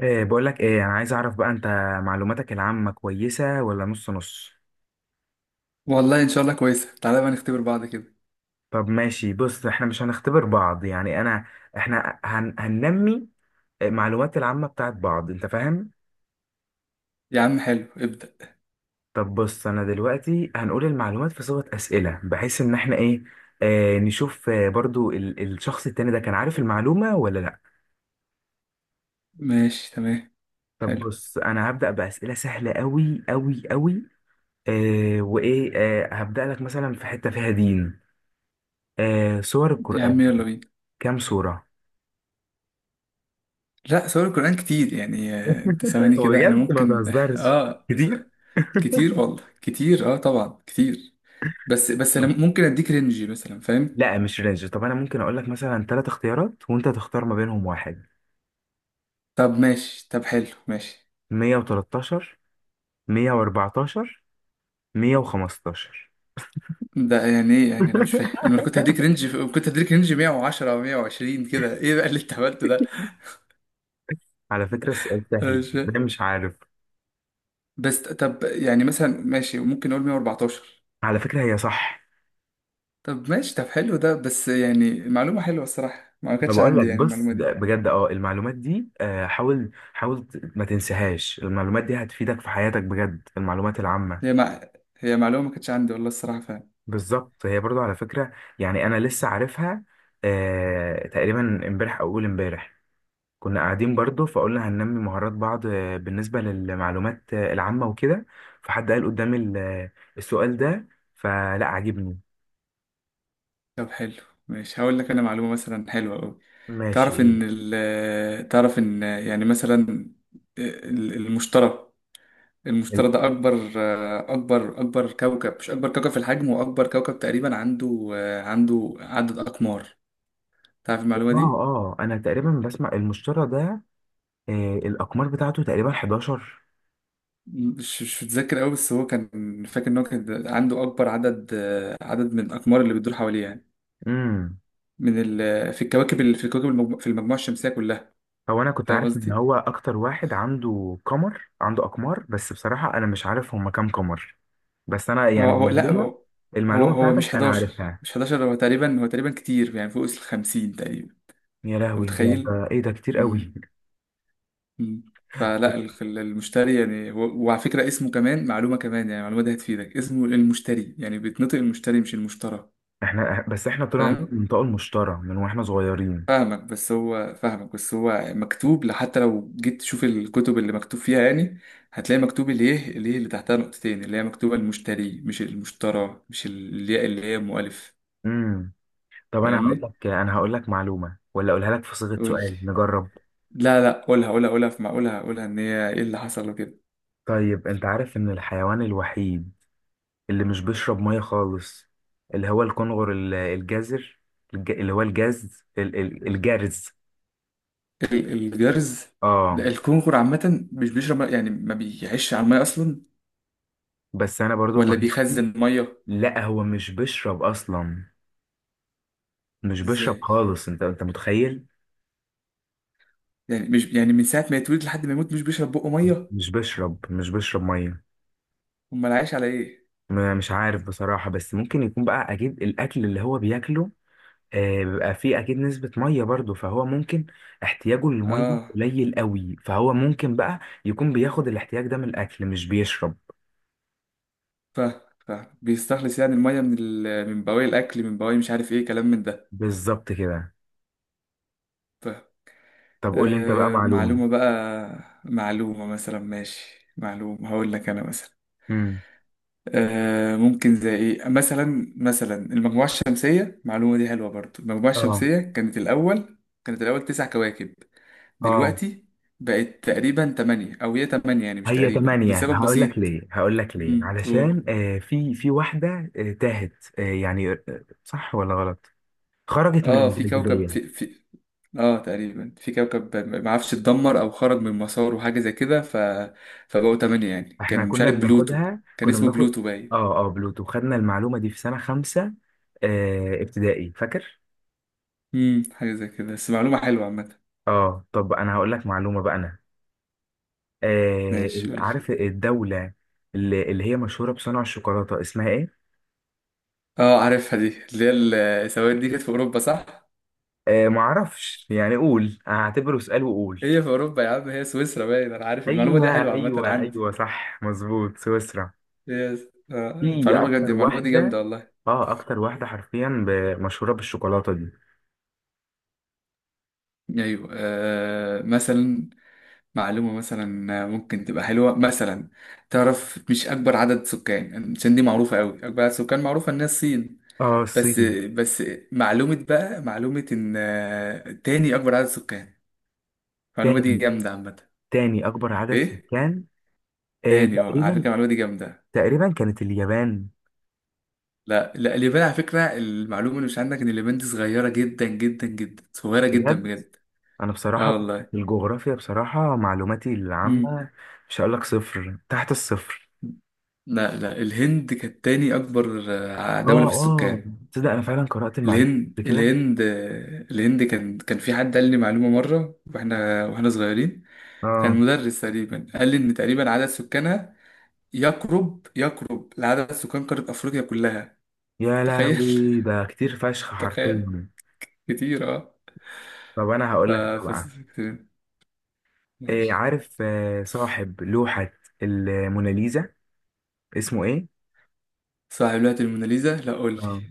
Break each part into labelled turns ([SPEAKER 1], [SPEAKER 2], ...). [SPEAKER 1] إيه، بقول لك ايه، انا عايز اعرف بقى انت معلوماتك العامة كويسة ولا نص نص؟
[SPEAKER 2] والله ان شاء الله كويسه. تعالى بقى نختبر بعض كده.
[SPEAKER 1] طب ماشي، بص احنا مش هنختبر بعض، يعني انا احنا هننمي المعلومات العامة بتاعت بعض، انت فاهم؟
[SPEAKER 2] يا عم حلو، ابدا.
[SPEAKER 1] طب بص، انا دلوقتي هنقول المعلومات في صيغة أسئلة، بحيث ان احنا ايه، نشوف، برضو الشخص التاني ده كان عارف المعلومة ولا لا.
[SPEAKER 2] ماشي، تمام،
[SPEAKER 1] طب
[SPEAKER 2] حلو.
[SPEAKER 1] بص، انا هبدأ بأسئلة سهلة قوي قوي قوي. وايه، هبدأ لك مثلا في حتة فيها دين، سور
[SPEAKER 2] يا
[SPEAKER 1] القرآن
[SPEAKER 2] عم يلا بينا.
[SPEAKER 1] كام صورة؟
[SPEAKER 2] لا، سور القران كتير يعني، انت ثواني كده انا
[SPEAKER 1] بجد ما
[SPEAKER 2] ممكن
[SPEAKER 1] تهزرش،
[SPEAKER 2] اه
[SPEAKER 1] كتير.
[SPEAKER 2] كتير والله كتير، اه طبعا كتير. بس انا
[SPEAKER 1] طب-
[SPEAKER 2] ممكن اديك رينج مثلا، فاهم؟
[SPEAKER 1] لا مش رينج، طب انا ممكن اقول لك مثلا ثلاث اختيارات وانت تختار ما بينهم واحد.
[SPEAKER 2] طب ماشي، طب حلو ماشي.
[SPEAKER 1] 113، 114، 115.
[SPEAKER 2] ده يعني ايه؟ يعني انا مش فاهم. انا لو كنت هديك رينج كنت هديك رينج 110 او 120 كده، ايه بقى اللي انت عملته ده؟
[SPEAKER 1] على فكرة السؤال
[SPEAKER 2] انا
[SPEAKER 1] سهل
[SPEAKER 2] مش
[SPEAKER 1] ده،
[SPEAKER 2] فاهم.
[SPEAKER 1] مش عارف.
[SPEAKER 2] بس طب، يعني مثلا ماشي، ممكن نقول 114.
[SPEAKER 1] على فكرة هي صح.
[SPEAKER 2] طب ماشي، طب حلو ده، بس يعني معلومة حلوة الصراحة، ما
[SPEAKER 1] ما
[SPEAKER 2] كانتش
[SPEAKER 1] بقول لك
[SPEAKER 2] عندي يعني
[SPEAKER 1] بص،
[SPEAKER 2] المعلومة
[SPEAKER 1] ده
[SPEAKER 2] دي.
[SPEAKER 1] بجد، اه المعلومات دي، حاول ما تنساهاش، المعلومات دي هتفيدك في حياتك بجد، المعلومات العامة.
[SPEAKER 2] هي مع... هي معلومة ما كانتش عندي والله الصراحة فعلا.
[SPEAKER 1] بالظبط، هي برضو على فكرة، يعني أنا لسه عارفها تقريبا امبارح أو أول امبارح. كنا قاعدين برضو فقلنا هننمي مهارات بعض، بالنسبة للمعلومات العامة وكده، فحد قال قدامي السؤال ده، فلا عجبني.
[SPEAKER 2] طب حلو ماشي، هقول لك أنا معلومة مثلا حلوة أوي.
[SPEAKER 1] ماشي ايه.
[SPEAKER 2] تعرف إن يعني مثلا ال- المشتري
[SPEAKER 1] ال-
[SPEAKER 2] المشتري ده أكبر، أكبر كوكب، مش أكبر كوكب في الحجم، وأكبر كوكب تقريبا عنده عدد أقمار. تعرف المعلومة
[SPEAKER 1] اه
[SPEAKER 2] دي؟
[SPEAKER 1] اه، أنا تقريبا بسمع المشترى ده، الأقمار بتاعته تقريبا 11.
[SPEAKER 2] مش متذكر قوي، بس هو كان فاكر ان هو كان عنده اكبر عدد، عدد من الاقمار اللي بتدور حواليه يعني،
[SPEAKER 1] امم
[SPEAKER 2] في المجموعه الشمسيه كلها.
[SPEAKER 1] هو انا كنت
[SPEAKER 2] فاهم
[SPEAKER 1] عارف ان
[SPEAKER 2] قصدي؟
[SPEAKER 1] هو اكتر واحد عنده قمر، عنده اقمار، بس بصراحة انا مش عارف هما كام قمر. بس انا
[SPEAKER 2] هو
[SPEAKER 1] يعني
[SPEAKER 2] هو لا،
[SPEAKER 1] المعلومة،
[SPEAKER 2] هو. هو,
[SPEAKER 1] المعلومة
[SPEAKER 2] هو مش
[SPEAKER 1] بتاعتك انا
[SPEAKER 2] 11،
[SPEAKER 1] عارفها.
[SPEAKER 2] مش 11، هو تقريبا كتير يعني فوق ال 50 تقريبا.
[SPEAKER 1] يا
[SPEAKER 2] انت
[SPEAKER 1] لهوي، ده
[SPEAKER 2] متخيل؟
[SPEAKER 1] ده ايه؟ ده كتير قوي.
[SPEAKER 2] مم. مم. فلا المشتري يعني، وعلى فكره اسمه كمان معلومه كمان، يعني المعلومه دي هتفيدك. اسمه المشتري يعني، بيتنطق المشتري مش المشترى.
[SPEAKER 1] احنا بس احنا طلع من
[SPEAKER 2] فاهم
[SPEAKER 1] المنطقة المشترى من واحنا صغيرين.
[SPEAKER 2] فاهمك، بس هو مكتوب، حتى لو جيت تشوف الكتب اللي مكتوب فيها يعني، هتلاقي مكتوب الايه اللي تحتها نقطتين، اللي هي مكتوبة المشتري مش المشترى، مش الياء اللي هي مؤلف.
[SPEAKER 1] امم طب انا هقول
[SPEAKER 2] فاهمني؟
[SPEAKER 1] لك، انا هقول لك معلومة ولا اقولها لك في صيغة
[SPEAKER 2] قول لي.
[SPEAKER 1] سؤال، نجرب.
[SPEAKER 2] لا لا، قولها قولها قولها، في معقولها قولها، ان هي ايه اللي حصل وكده.
[SPEAKER 1] طيب انت عارف ان الحيوان الوحيد اللي مش بيشرب مية خالص، اللي هو الكنغر، ال- الجزر الج- اللي هو الجاز ال- ال- الجرز.
[SPEAKER 2] الجرز.
[SPEAKER 1] اه.
[SPEAKER 2] ده الكونغر عامة مش بيشرب مية، يعني ما بيعيش على المية اصلا،
[SPEAKER 1] بس انا برضو
[SPEAKER 2] ولا
[SPEAKER 1] المعلومه دي.
[SPEAKER 2] بيخزن مية.
[SPEAKER 1] لا هو مش بيشرب اصلا، مش بيشرب
[SPEAKER 2] ازاي؟
[SPEAKER 1] خالص، انت متخيل؟
[SPEAKER 2] يعني مش يعني من ساعة ما يتولد لحد ما يموت مش بيشرب بقه مية؟
[SPEAKER 1] مش بيشرب ميه.
[SPEAKER 2] امال عايش على ايه؟
[SPEAKER 1] مش عارف بصراحه، بس ممكن يكون بقى، اكيد الاكل اللي هو بياكله بيبقى فيه اكيد نسبه ميه، برضو فهو ممكن، احتياجه للميه
[SPEAKER 2] اه،
[SPEAKER 1] قليل قوي، فهو ممكن بقى يكون بياخد الاحتياج ده من الاكل، مش بيشرب.
[SPEAKER 2] فاهم، فاهم. بيستخلص يعني المية من ال... من بواقي الأكل، من بواقي مش عارف إيه كلام من ده.
[SPEAKER 1] بالظبط كده.
[SPEAKER 2] فاهم.
[SPEAKER 1] طب قول لي انت بقى معلومه.
[SPEAKER 2] معلومة بقى، معلومة مثلا ماشي، معلومة هقول لك أنا مثلا،
[SPEAKER 1] امم
[SPEAKER 2] ممكن زي إيه مثلا؟ مثلا المجموعة الشمسية، المعلومة دي حلوة برضو. المجموعة
[SPEAKER 1] اه
[SPEAKER 2] الشمسية كانت الأول تسع كواكب،
[SPEAKER 1] اه،
[SPEAKER 2] دلوقتي بقت تقريبا تمانية، أو هي تمانية يعني مش
[SPEAKER 1] هي
[SPEAKER 2] تقريبا،
[SPEAKER 1] تمانية،
[SPEAKER 2] لسبب
[SPEAKER 1] هقول
[SPEAKER 2] بسيط.
[SPEAKER 1] لك ليه، هقول لك ليه،
[SPEAKER 2] امم، قول.
[SPEAKER 1] علشان في واحدة تاهت، يعني صح ولا غلط؟ خرجت من
[SPEAKER 2] اه، في كوكب،
[SPEAKER 1] الجاذبية.
[SPEAKER 2] في في اه تقريبا في كوكب ما عرفش اتدمر او خرج من مساره، وحاجه زي كده، فبقوا تمانية. يعني
[SPEAKER 1] احنا
[SPEAKER 2] كان، مش
[SPEAKER 1] كنا
[SPEAKER 2] عارف، بلوتو
[SPEAKER 1] بناخدها،
[SPEAKER 2] كان
[SPEAKER 1] كنا
[SPEAKER 2] اسمه
[SPEAKER 1] بناخد.
[SPEAKER 2] بلوتو باين.
[SPEAKER 1] اه اه، بلوتو، خدنا المعلومة دي في سنة خمسة ابتدائي، فاكر.
[SPEAKER 2] امم، حاجه زي كده، بس معلومه حلوه عامه.
[SPEAKER 1] اه، طب انا هقول لك معلومة بقى انا.
[SPEAKER 2] ماشي قول لي.
[SPEAKER 1] عارف الدولة اللي هي مشهورة بصنع الشوكولاتة اسمها ايه؟
[SPEAKER 2] اه عارفها دي، اللي هي السواد دي كانت في اوروبا صح؟
[SPEAKER 1] معرفش يعني، قول، هعتبره سؤال وقول.
[SPEAKER 2] هي في اوروبا يا عم، هي سويسرا باين. انا عارف المعلومه
[SPEAKER 1] ايوه
[SPEAKER 2] دي، حلوه عامه
[SPEAKER 1] ايوه
[SPEAKER 2] عندي.
[SPEAKER 1] ايوه، صح مظبوط، سويسرا.
[SPEAKER 2] يس اه.
[SPEAKER 1] في
[SPEAKER 2] المعلومه
[SPEAKER 1] اكتر
[SPEAKER 2] جامده، المعلومه دي جامده
[SPEAKER 1] واحده،
[SPEAKER 2] والله.
[SPEAKER 1] اه اكتر واحده حرفيا مشهوره بالشوكولاته دي.
[SPEAKER 2] ايوه، مثلا معلومة مثلا ممكن تبقى حلوة مثلا، تعرف، مش أكبر عدد سكان، عشان دي معروفة أوي، أكبر عدد سكان معروفة إن هي الصين،
[SPEAKER 1] اه،
[SPEAKER 2] بس
[SPEAKER 1] الصين.
[SPEAKER 2] بس معلومة بقى، معلومة إن تاني أكبر عدد سكان، المعلومة دي
[SPEAKER 1] تاني،
[SPEAKER 2] جامدة عامة.
[SPEAKER 1] تاني اكبر عدد
[SPEAKER 2] ليه؟
[SPEAKER 1] سكان
[SPEAKER 2] تاني، أه على فكرة
[SPEAKER 1] تقريبا،
[SPEAKER 2] المعلومة دي جامدة.
[SPEAKER 1] تقريبا كانت اليابان.
[SPEAKER 2] لا لا، اليابان، على فكرة المعلومة اللي مش عندك، إن اليابان دي صغيرة جدا جدا جدا، صغيرة جدا
[SPEAKER 1] بجد.
[SPEAKER 2] بجد.
[SPEAKER 1] انا بصراحه
[SPEAKER 2] أه
[SPEAKER 1] في
[SPEAKER 2] والله.
[SPEAKER 1] الجغرافيا بصراحه معلوماتي
[SPEAKER 2] مم.
[SPEAKER 1] العامه مش هقول لك صفر تحت الصفر.
[SPEAKER 2] لا لا، الهند كانت تاني أكبر،
[SPEAKER 1] اه
[SPEAKER 2] دولة في
[SPEAKER 1] اه،
[SPEAKER 2] السكان.
[SPEAKER 1] تصدق انا فعلا قرات المعلومه
[SPEAKER 2] الهند،
[SPEAKER 1] قبل كده.
[SPEAKER 2] الهند، الهند. كان في حد قال لي معلومة مرة واحنا صغيرين، كان
[SPEAKER 1] اه،
[SPEAKER 2] مدرس تقريبا، قال لي ان تقريبا عدد سكانها يقرب يقرب لعدد سكان قارة افريقيا كلها.
[SPEAKER 1] يا
[SPEAKER 2] تخيل.
[SPEAKER 1] لهوي، ده كتير فشخ
[SPEAKER 2] تخيل،
[SPEAKER 1] حرفيا.
[SPEAKER 2] كتير اه.
[SPEAKER 1] طب انا
[SPEAKER 2] ف
[SPEAKER 1] هقول لك انا بقى،
[SPEAKER 2] ف كتير. ماشي.
[SPEAKER 1] عارف صاحب لوحه الموناليزا اسمه ايه؟
[SPEAKER 2] صاحب لوحة الموناليزا، لا قول لي.
[SPEAKER 1] اه،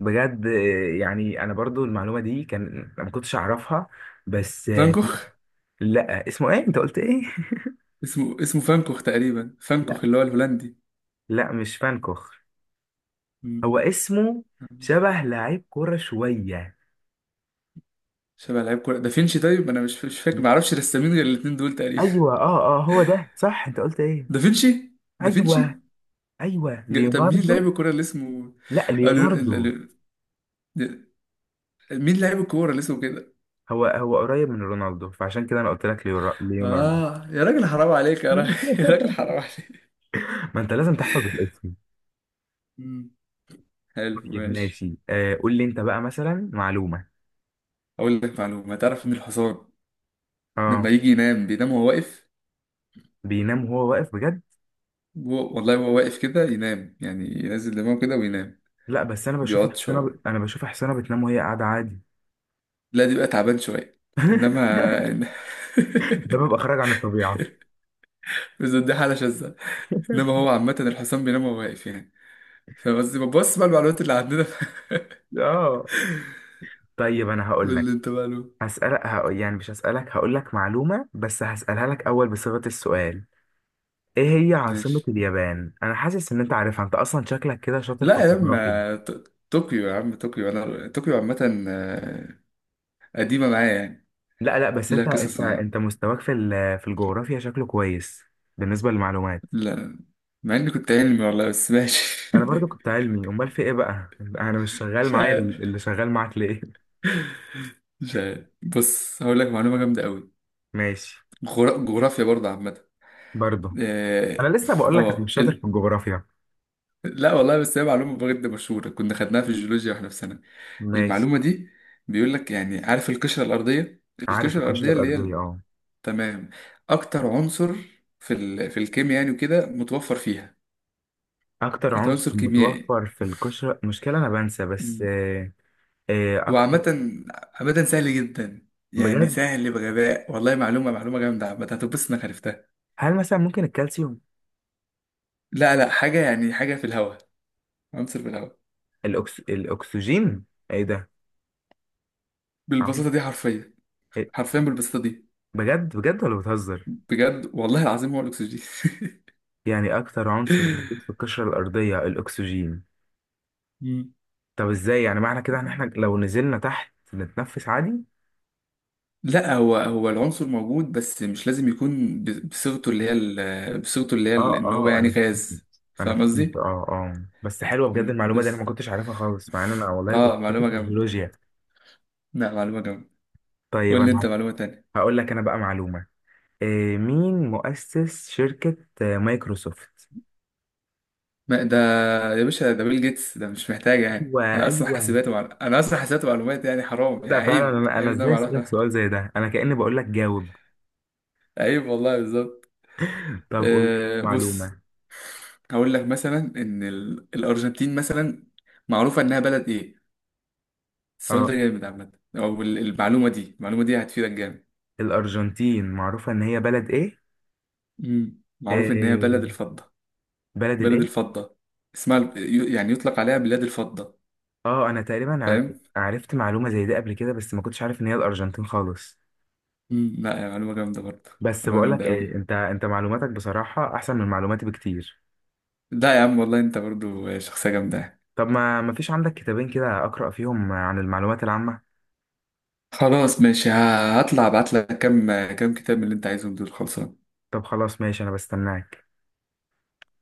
[SPEAKER 1] بجد يعني انا برضو المعلومه دي كان ما كنتش اعرفها، بس
[SPEAKER 2] فان كوخ.
[SPEAKER 1] لا اسمه ايه؟ انت قلت ايه؟
[SPEAKER 2] اسمه، اسمه فانكوخ تقريبا، فانكوخ
[SPEAKER 1] لا
[SPEAKER 2] اللي هو الهولندي.
[SPEAKER 1] لا، مش فانكوخ.
[SPEAKER 2] مم.
[SPEAKER 1] هو اسمه
[SPEAKER 2] فان كوخ.
[SPEAKER 1] شبه لعيب كوره شويه.
[SPEAKER 2] شبه لعيب كورة، دافينشي. طيب انا مش فاكر، ما
[SPEAKER 1] لا،
[SPEAKER 2] اعرفش رسامين غير الاتنين دول تقريبا.
[SPEAKER 1] ايوه اه اه، هو ده صح. انت قلت ايه؟
[SPEAKER 2] دافينشي، دافينشي.
[SPEAKER 1] ايوه ايوه،
[SPEAKER 2] طب مين
[SPEAKER 1] ليوناردو.
[SPEAKER 2] لاعب الكورة اللي اسمه،
[SPEAKER 1] لا
[SPEAKER 2] قالوا
[SPEAKER 1] ليوناردو،
[SPEAKER 2] قالوا- مين لاعب الكورة اللي اسمه كده؟
[SPEAKER 1] هو هو قريب من رونالدو، فعشان كده انا قلت لك ليوناردو.
[SPEAKER 2] اه يا راجل حرام عليك، يا راجل، يا راجل حرام عليك.
[SPEAKER 1] ما انت لازم تحفظ الاسم.
[SPEAKER 2] مم. حلو
[SPEAKER 1] طيب
[SPEAKER 2] ماشي.
[SPEAKER 1] ماشي، قول لي انت بقى مثلا معلومه.
[SPEAKER 2] اقول لك معلومة، تعرف ان الحصان
[SPEAKER 1] اه.
[SPEAKER 2] لما يجي ينام بينام وهو واقف.
[SPEAKER 1] بينام وهو واقف بجد؟
[SPEAKER 2] والله هو واقف كده ينام، يعني ينزل دماغه كده وينام.
[SPEAKER 1] لا بس انا بشوف
[SPEAKER 2] بيقعد
[SPEAKER 1] حسنا
[SPEAKER 2] شوية،
[SPEAKER 1] ب... انا بشوف حسنا بتنام وهي قاعده عادي.
[SPEAKER 2] لا دي بقى تعبان شوية، انما،
[SPEAKER 1] ده بيبقى خارج عن الطبيعه.
[SPEAKER 2] بس دي حالة شاذة، انما هو عامة الحصان بينام وهو واقف يعني. فبس بص بقى، المعلومات اللي عندنا.
[SPEAKER 1] اه. طيب انا هقول
[SPEAKER 2] قول
[SPEAKER 1] لك،
[SPEAKER 2] لي انت بقى.
[SPEAKER 1] يعني مش هسألك، هقول لك معلومه بس هسألها لك اول بصيغه السؤال. ايه هي عاصمه
[SPEAKER 2] ماشي.
[SPEAKER 1] اليابان؟ انا حاسس ان انت عارفها، انت اصلا شكلك كده شاطر في
[SPEAKER 2] لا يا
[SPEAKER 1] الجغرافيا.
[SPEAKER 2] عم، طوكيو يا عم، طوكيو، انا طوكيو عامة، قديمة معايا يعني.
[SPEAKER 1] لا لا، بس
[SPEAKER 2] لا،
[SPEAKER 1] انت
[SPEAKER 2] قصص
[SPEAKER 1] انت
[SPEAKER 2] معايا.
[SPEAKER 1] انت مستواك في ال... في الجغرافيا شكله كويس بالنسبه للمعلومات.
[SPEAKER 2] لا، مع اني كنت علمي والله، بس ماشي.
[SPEAKER 1] انا برضو كنت علمي، امال في ايه بقى؟ انا مش شغال،
[SPEAKER 2] مش
[SPEAKER 1] معايا
[SPEAKER 2] عارف،
[SPEAKER 1] اللي شغال معاك ليه؟
[SPEAKER 2] مش عارف. بص هقول لك معلومة جامدة قوي،
[SPEAKER 1] ماشي.
[SPEAKER 2] جغرا- جغرافيا برضه عامة.
[SPEAKER 1] برضو. انا
[SPEAKER 2] اه.
[SPEAKER 1] لسه بقول لك انا مش
[SPEAKER 2] آه،
[SPEAKER 1] شاطر في
[SPEAKER 2] ال...
[SPEAKER 1] الجغرافيا.
[SPEAKER 2] لا والله، بس هي معلومة بجد مشهورة، كنا خدناها في الجيولوجيا واحنا في سنة،
[SPEAKER 1] ماشي.
[SPEAKER 2] المعلومة دي بيقول لك يعني، عارف القشرة الأرضية،
[SPEAKER 1] عارف
[SPEAKER 2] القشرة
[SPEAKER 1] القشره
[SPEAKER 2] الأرضية اللي هي،
[SPEAKER 1] الارضيه، اه،
[SPEAKER 2] تمام، اكتر عنصر في ال... في الكيمياء يعني وكده، متوفر فيها.
[SPEAKER 1] اكتر
[SPEAKER 2] أكتر
[SPEAKER 1] عنصر
[SPEAKER 2] عنصر كيميائي.
[SPEAKER 1] متوفر في القشره، مشكله انا بنسى، بس
[SPEAKER 2] مم. هو
[SPEAKER 1] اكتر،
[SPEAKER 2] عامة، عامة سهل جدا يعني،
[SPEAKER 1] بجد.
[SPEAKER 2] سهل بغباء والله، معلومة، معلومة جامدة عامة، هتتبسط انك عرفتها.
[SPEAKER 1] هل مثلا ممكن الكالسيوم؟
[SPEAKER 2] لا لا، حاجة، يعني حاجة في الهواء، عنصر في الهواء.
[SPEAKER 1] الأكس... الاكسجين؟ ايه ده! عم-
[SPEAKER 2] بالبساطة دي حرفيا.
[SPEAKER 1] إيه؟
[SPEAKER 2] حرفيا بالبساطة دي.
[SPEAKER 1] بجد بجد، ولا بتهزر؟
[SPEAKER 2] بجد والله العظيم، هو الأكسجين.
[SPEAKER 1] يعني اكتر عنصر موجود في القشره الارضيه الاكسجين؟
[SPEAKER 2] مم.
[SPEAKER 1] طب ازاي؟ يعني معنى كده ان احنا لو نزلنا تحت نتنفس عادي.
[SPEAKER 2] لا، هو العنصر موجود، بس مش لازم يكون بصيغته اللي هي
[SPEAKER 1] اه
[SPEAKER 2] ان هو
[SPEAKER 1] اه،
[SPEAKER 2] يعني
[SPEAKER 1] انا فهمت.
[SPEAKER 2] غاز.
[SPEAKER 1] انا
[SPEAKER 2] فاهم
[SPEAKER 1] فهمت اه.
[SPEAKER 2] قصدي؟
[SPEAKER 1] اه، بس حلوه بجد
[SPEAKER 2] مم.
[SPEAKER 1] المعلومه دي، انا ما
[SPEAKER 2] بس
[SPEAKER 1] كنتش عارفها خالص، مع ان انا والله كنت
[SPEAKER 2] اه،
[SPEAKER 1] شاطر
[SPEAKER 2] معلومة
[SPEAKER 1] في
[SPEAKER 2] جامدة.
[SPEAKER 1] الجيولوجيا.
[SPEAKER 2] لا، معلومة جامدة.
[SPEAKER 1] طيب
[SPEAKER 2] قول لي انت
[SPEAKER 1] انا
[SPEAKER 2] معلومة تانية.
[SPEAKER 1] هقول لك انا بقى معلومه. إيه مين مؤسس شركه مايكروسوفت؟
[SPEAKER 2] ما ده يا باشا، ده بيل جيتس، ده مش محتاج يعني،
[SPEAKER 1] ايوه ايوه،
[SPEAKER 2] انا اصلا حاسبات ومعلومات يعني، حرام يعني،
[SPEAKER 1] لا فعلا،
[SPEAKER 2] عيب،
[SPEAKER 1] انا
[SPEAKER 2] عيب ان انا
[SPEAKER 1] ازاي
[SPEAKER 2] ما
[SPEAKER 1] اسالك
[SPEAKER 2] اعرفها.
[SPEAKER 1] سؤال زي ده، انا كاني بقول لك جاوب.
[SPEAKER 2] عيب والله بالظبط.
[SPEAKER 1] طب قول لي
[SPEAKER 2] بص،
[SPEAKER 1] معلومه.
[SPEAKER 2] هقول لك مثلا ان الارجنتين مثلا، معروفة انها بلد ايه. السؤال ده
[SPEAKER 1] اه،
[SPEAKER 2] جامد عامة، او المعلومة دي هتفيدك جامد.
[SPEAKER 1] الارجنتين معروفه ان هي بلد ايه؟
[SPEAKER 2] مم. معروف ان هي بلد
[SPEAKER 1] إيه؟
[SPEAKER 2] الفضة.
[SPEAKER 1] بلد
[SPEAKER 2] بلد
[SPEAKER 1] الايه؟
[SPEAKER 2] الفضة، اسمها يعني يطلق عليها بلاد الفضة.
[SPEAKER 1] اه انا تقريبا
[SPEAKER 2] فاهم.
[SPEAKER 1] عرفت معلومه زي دي قبل كده، بس ما كنتش عارف ان هي الارجنتين خالص.
[SPEAKER 2] مم، لا يا، معلومة جامدة برضه.
[SPEAKER 1] بس
[SPEAKER 2] معلومة
[SPEAKER 1] بقول لك
[SPEAKER 2] جامدة
[SPEAKER 1] ايه،
[SPEAKER 2] أوي.
[SPEAKER 1] انت معلوماتك بصراحة احسن من معلوماتي بكتير.
[SPEAKER 2] لا يا عم والله، أنت برضه شخصية جامدة.
[SPEAKER 1] طب ما فيش عندك كتابين كده اقرأ فيهم عن المعلومات العامة؟
[SPEAKER 2] خلاص ماشي، هطلع أبعت لك كام كتاب من اللي أنت عايزهم دول، خلصان.
[SPEAKER 1] طب خلاص ماشي، انا بستناك.